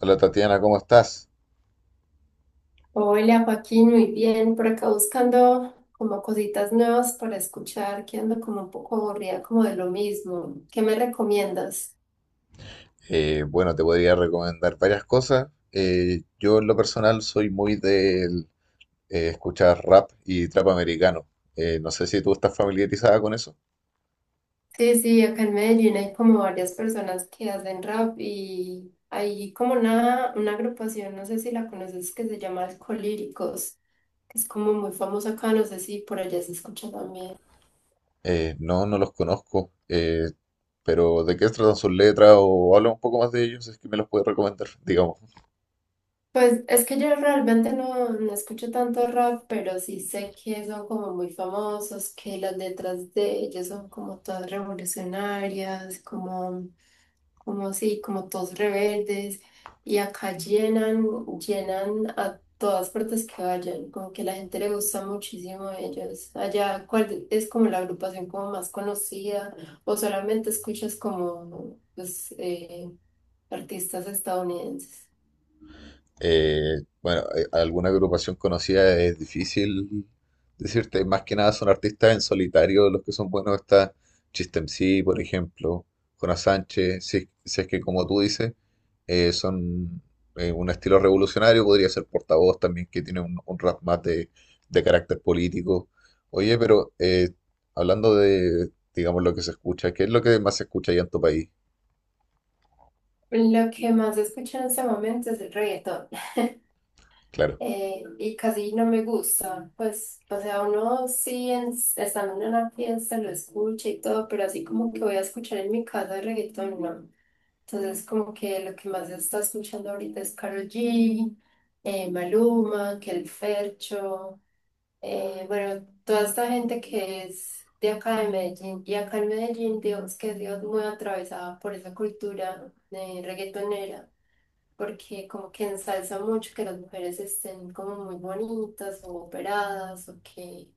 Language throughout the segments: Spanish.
Hola Tatiana, ¿cómo estás? Hola Joaquín, muy bien. Por acá buscando como cositas nuevas para escuchar, que ando como un poco aburrida como de lo mismo. ¿Qué me recomiendas? Bueno, te podría recomendar varias cosas. Yo en lo personal soy muy de escuchar rap y trap americano. No sé si tú estás familiarizada con eso. Sí, sí, acá en Medellín hay como varias personas que hacen rap y hay como una agrupación, no sé si la conoces, que se llama Alcolíricos, que es como muy famosa acá, no sé si por allá se escucha también. No, no los conozco. Pero ¿de qué tratan sus letras o habla un poco más de ellos? Si es que me los puedes recomendar, digamos. Pues es que yo realmente no escucho tanto rap, pero sí sé que son como muy famosos, que las letras de ellos son como todas revolucionarias, como, como sí, como todos rebeldes, y acá llenan, llenan a todas partes que vayan, como que la gente le gusta muchísimo a ellos. Allá, ¿cuál es como la agrupación como más conocida? ¿O solamente escuchas como pues, artistas estadounidenses? Bueno, alguna agrupación conocida es difícil decirte, más que nada son artistas en solitario los que son buenos. Está Chistemsi, por ejemplo, Jonas Sánchez. Si, es, si es que como tú dices, son un estilo revolucionario. Podría ser Portavoz también, que tiene un rap más de carácter político. Oye, pero hablando de, digamos, lo que se escucha, ¿qué es lo que más se escucha allá en tu país? Lo que más escucho en este momento es el reggaetón, Claro. Y casi no me gusta, pues, o sea, uno sí estando en una fiesta lo escucha y todo, pero así como que voy a escuchar en mi casa el reggaetón, no. Entonces como que lo que más se está escuchando ahorita es Karol G, Maluma, que el Fercho, bueno, toda esta gente que es de acá de Medellín y acá en Medellín, Dios, que Dios muy atravesada por esa cultura reggaetonera, porque como que ensalza mucho que las mujeres estén como muy bonitas o operadas o que,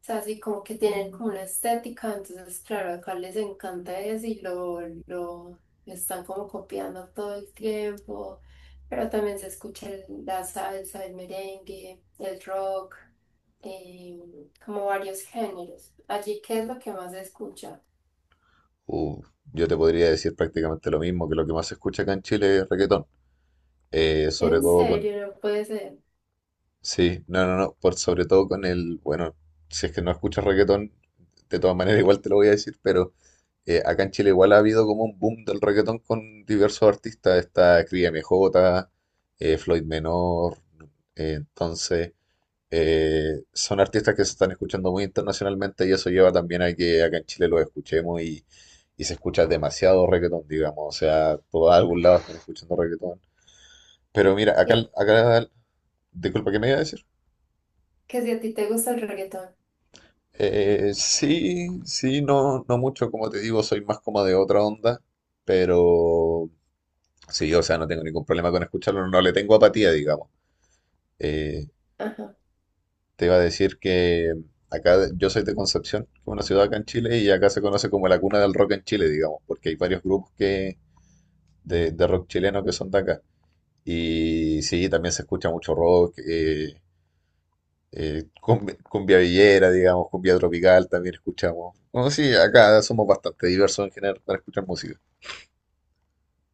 o sea, así como que tienen como una estética, entonces claro, acá les encanta eso y lo están como copiando todo el tiempo, pero también se escucha la salsa, el merengue, el rock, eh, como varios géneros. Allí, ¿qué es lo que más se escucha? Uh, yo te podría decir prácticamente lo mismo, que lo que más se escucha acá en Chile es reggaetón. Sobre En todo con... serio, no puede ser. Sí, no, no, no, por sobre todo con el... Bueno, si es que no escuchas reggaetón, de todas maneras igual te lo voy a decir, pero acá en Chile igual ha habido como un boom del reggaetón con diversos artistas. Está Cría MJ, Floyd Menor, entonces... Son artistas que se están escuchando muy internacionalmente y eso lleva también a que acá en Chile los escuchemos y se escucha demasiado reggaetón, digamos. O sea, por algún lado están escuchando reggaetón. Pero mira, acá, Ya. acá, disculpa, ¿qué me iba a decir? Que si a ti te gusta el reggaetón. Sí, sí, no, no mucho, como te digo, soy más como de otra onda, pero sí, o sea, no tengo ningún problema con escucharlo, no, no le tengo apatía, digamos. Eh, Ajá. Te iba a decir que acá yo soy de Concepción, que es una ciudad acá en Chile, y acá se conoce como la cuna del rock en Chile, digamos, porque hay varios grupos que, de rock chileno que son de acá. Y sí, también se escucha mucho rock, cumbia, cumbia villera, digamos, cumbia tropical también escuchamos. Bueno, sí, acá somos bastante diversos en general para escuchar música.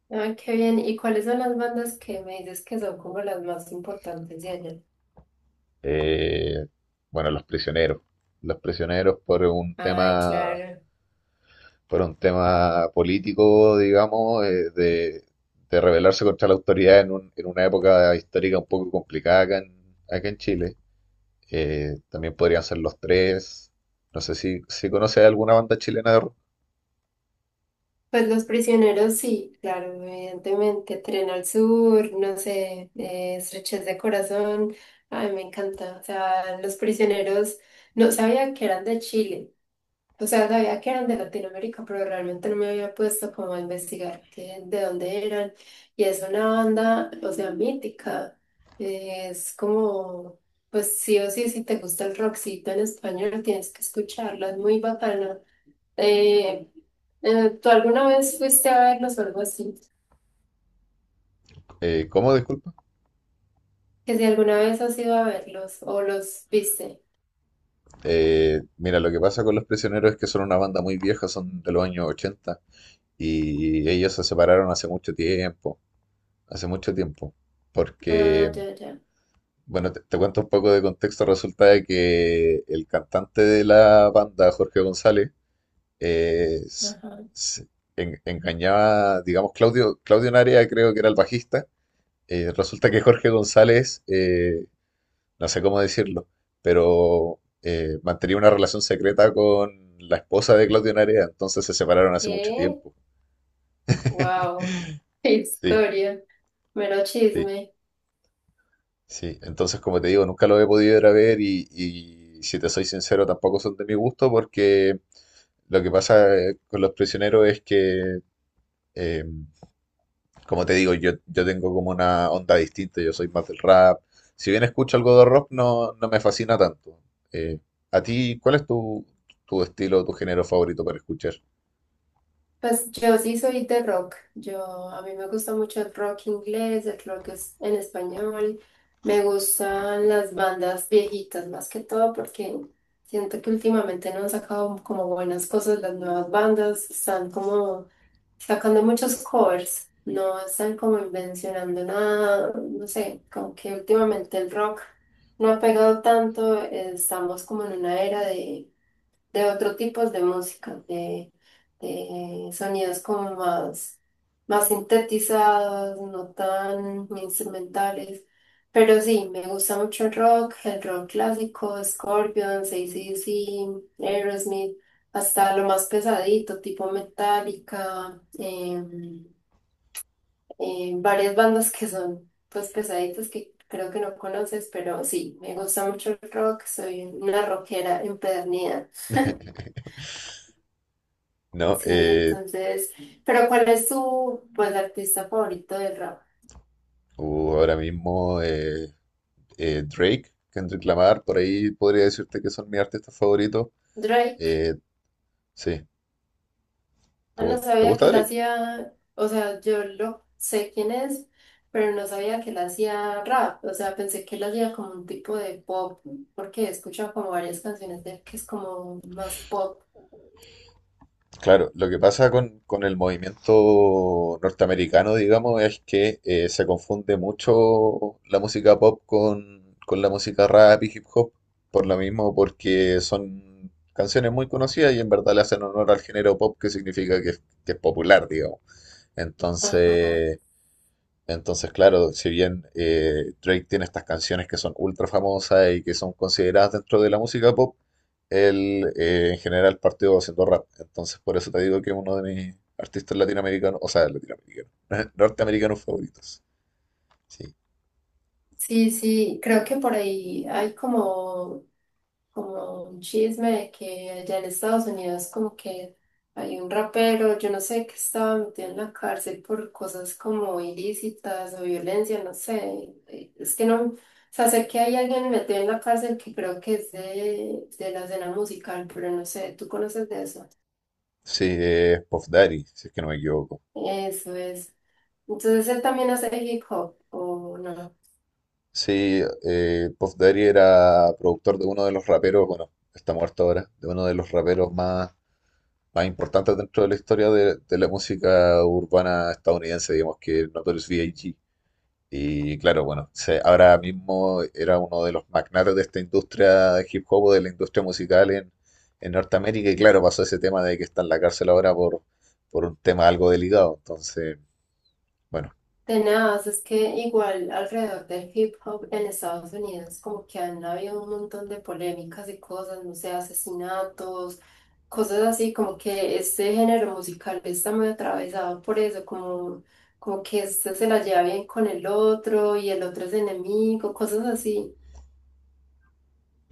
Ay, qué bien. ¿Y cuáles son las bandas que me dices que son como las más importantes de allá? Eh, bueno, Los Prisioneros. Los Prisioneros por un Ay, tema claro. por un tema político, digamos, de rebelarse contra la autoridad en, en una época histórica un poco complicada acá en Chile. También podrían ser Los Tres. No sé si, si conoces alguna banda chilena de rock. Pues Los Prisioneros, sí, claro, evidentemente. Tren al Sur, no sé, Estrechez de Corazón. Ay, me encanta. O sea, Los Prisioneros, no sabía que eran de Chile. O sea, sabía que eran de Latinoamérica, pero realmente no me había puesto como a investigar qué, de dónde eran. Y es una banda, o sea, mítica. Es como, pues sí o sí, si te gusta el rockcito en español, tienes que escucharla, es muy bacana. Eh, ¿Tú alguna vez fuiste a verlos o algo así? ¿Cómo? Disculpa. Que si alguna vez has ido a verlos o los viste. Mira, lo que pasa con Los Prisioneros es que son una banda muy vieja, son de los años 80 y ellos se separaron hace mucho tiempo, Ah, porque... ya, ya. Bueno, te cuento un poco de contexto. Resulta de que el cantante de la banda, Jorge González, eh, s- Ajá. s- engañaba, digamos, Claudio Narea, creo que era el bajista. Resulta que Jorge González, no sé cómo decirlo, pero mantenía una relación secreta con la esposa de Claudio Narea, entonces se separaron hace mucho ¿Qué? tiempo. Wow. Qué Sí, historia. Mero sí. chisme. Sí, entonces como te digo, nunca lo he podido ir a ver y si te soy sincero, tampoco son de mi gusto porque lo que pasa con los prisioneros es que, eh, como te digo, yo tengo como una onda distinta, yo soy más del rap. Si bien escucho algo de rock, no, no me fascina tanto. Eh, ¿A ti cuál es tu estilo, tu género favorito para escuchar? Pues yo sí soy de rock. Yo a mí me gusta mucho el rock inglés, el rock es en español. Me gustan las bandas viejitas más que todo porque siento que últimamente no han sacado como buenas cosas las nuevas bandas, están como sacando muchos covers, no están como invencionando nada, no sé, como que últimamente el rock no ha pegado tanto, estamos como en una era de otro tipos de música, de sonidos como más, más sintetizados, no tan instrumentales. Pero sí, me gusta mucho el rock clásico, Scorpions, AC/DC, Aerosmith, hasta lo más pesadito, tipo Metallica, varias bandas que son pues pesaditas que creo que no conoces, pero sí, me gusta mucho el rock, soy una rockera empedernida. No, Sí, entonces, pero ¿cuál es tu, pues, artista favorito del rap? Ahora mismo Drake, Kendrick Lamar, por ahí podría decirte que son mis artistas favoritos. Drake. Eh, Sí. Ah, no ¿Te sabía gusta que él Drake? hacía, o sea, yo lo sé quién es, pero no sabía que él hacía rap. O sea, pensé que él hacía como un tipo de pop, porque he escuchado como varias canciones de él que es como más pop. Claro, lo que pasa con el movimiento norteamericano, digamos, es que se confunde mucho la música pop con la música rap y hip hop, por lo mismo, porque son canciones muy conocidas y en verdad le hacen honor al género pop, que significa que, que es popular, digamos. Ajá. Entonces, Entonces, claro, si bien Drake tiene estas canciones que son ultra famosas y que son consideradas dentro de la música pop, él en general partió haciendo rap. Entonces, por eso te digo que es uno de mis artistas latinoamericanos, o sea, latinoamericanos, norteamericanos favoritos. Sí, Sí, sí, creo que por ahí hay como como un chisme de que allá en Estados Unidos como que hay un rapero, yo no sé, que estaba metido en la cárcel por cosas como ilícitas o violencia, no sé. Es que no, o sea, sé que hay alguien metido en la cárcel que creo que es de la escena musical, pero no sé, ¿tú conoces de eso? sí, es Puff Daddy, si es que no me equivoco. Eso es. Entonces él también hace hip hop, ¿o no? Sí, Puff Daddy era productor de uno de los raperos, bueno, está muerto ahora, de uno de los raperos más importantes dentro de la historia de la música urbana estadounidense, digamos que es Notorious B.I.G. Y claro, bueno, ahora mismo era uno de los magnates de esta industria de hip hop, o de la industria musical en Norteamérica, y claro, pasó ese tema de que está en la cárcel ahora por un tema algo delicado. Entonces, bueno, Tenaz, es que igual alrededor del hip hop en Estados Unidos como que han habido un montón de polémicas y cosas, no sé, asesinatos, cosas así, como que este género musical está muy atravesado por eso, como, como que este se la lleva bien con el otro y el otro es enemigo, cosas así.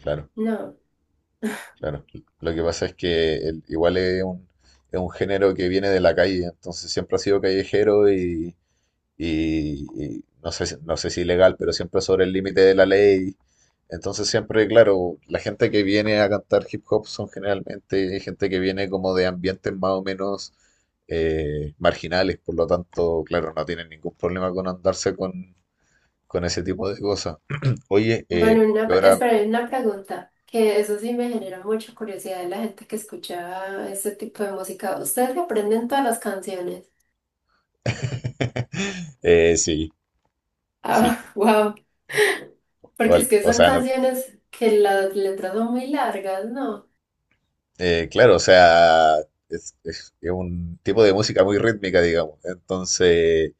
claro, No. claro. Lo que pasa es que igual es un género que viene de la calle, entonces siempre ha sido callejero y no sé, no sé si ilegal, pero siempre sobre el límite de la ley. Entonces siempre, claro, la gente que viene a cantar hip hop son generalmente gente que viene como de ambientes más o menos marginales, por lo tanto, claro, no tienen ningún problema con andarse con ese tipo de cosas. Oye, Bueno, una, yo ahora... espera, una pregunta, que eso sí me genera mucha curiosidad de la gente que escucha este tipo de música. ¿Ustedes se aprenden todas las canciones? Sí, sí. Ah, wow. Porque es que O son sea, no, canciones que las letras son muy largas, ¿no? Claro, o sea, es un tipo de música muy rítmica, digamos. Entonces,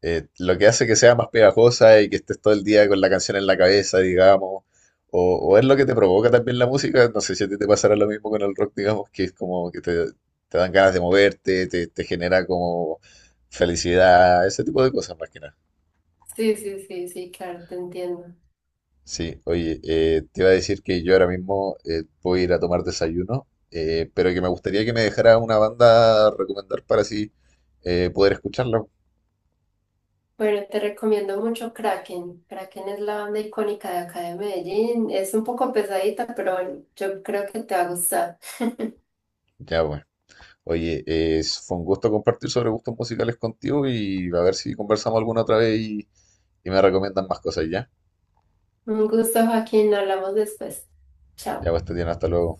Lo que hace que sea más pegajosa y que estés todo el día con la canción en la cabeza, digamos, o es lo que te provoca también la música, no sé si a ti te pasará lo mismo con el rock, digamos, que es como que te dan ganas de moverte, te genera como felicidad, ese tipo de cosas más que nada. Sí, sí, sí, sí, claro, te entiendo. Sí, oye, te iba a decir que yo ahora mismo voy a ir a tomar desayuno, pero que me gustaría que me dejara una banda a recomendar para así poder escucharla. Bueno, te recomiendo mucho Kraken. Kraken es la banda icónica de acá de Medellín. Es un poco pesadita, pero bueno, yo creo que te va a gustar. Ya, pues. Oye, fue un gusto compartir sobre gustos musicales contigo y a ver si conversamos alguna otra vez y me recomiendan más cosas ya. Un gusto, Joaquín. Hablamos después. Ya, Chao. pues, Tatiana, hasta luego.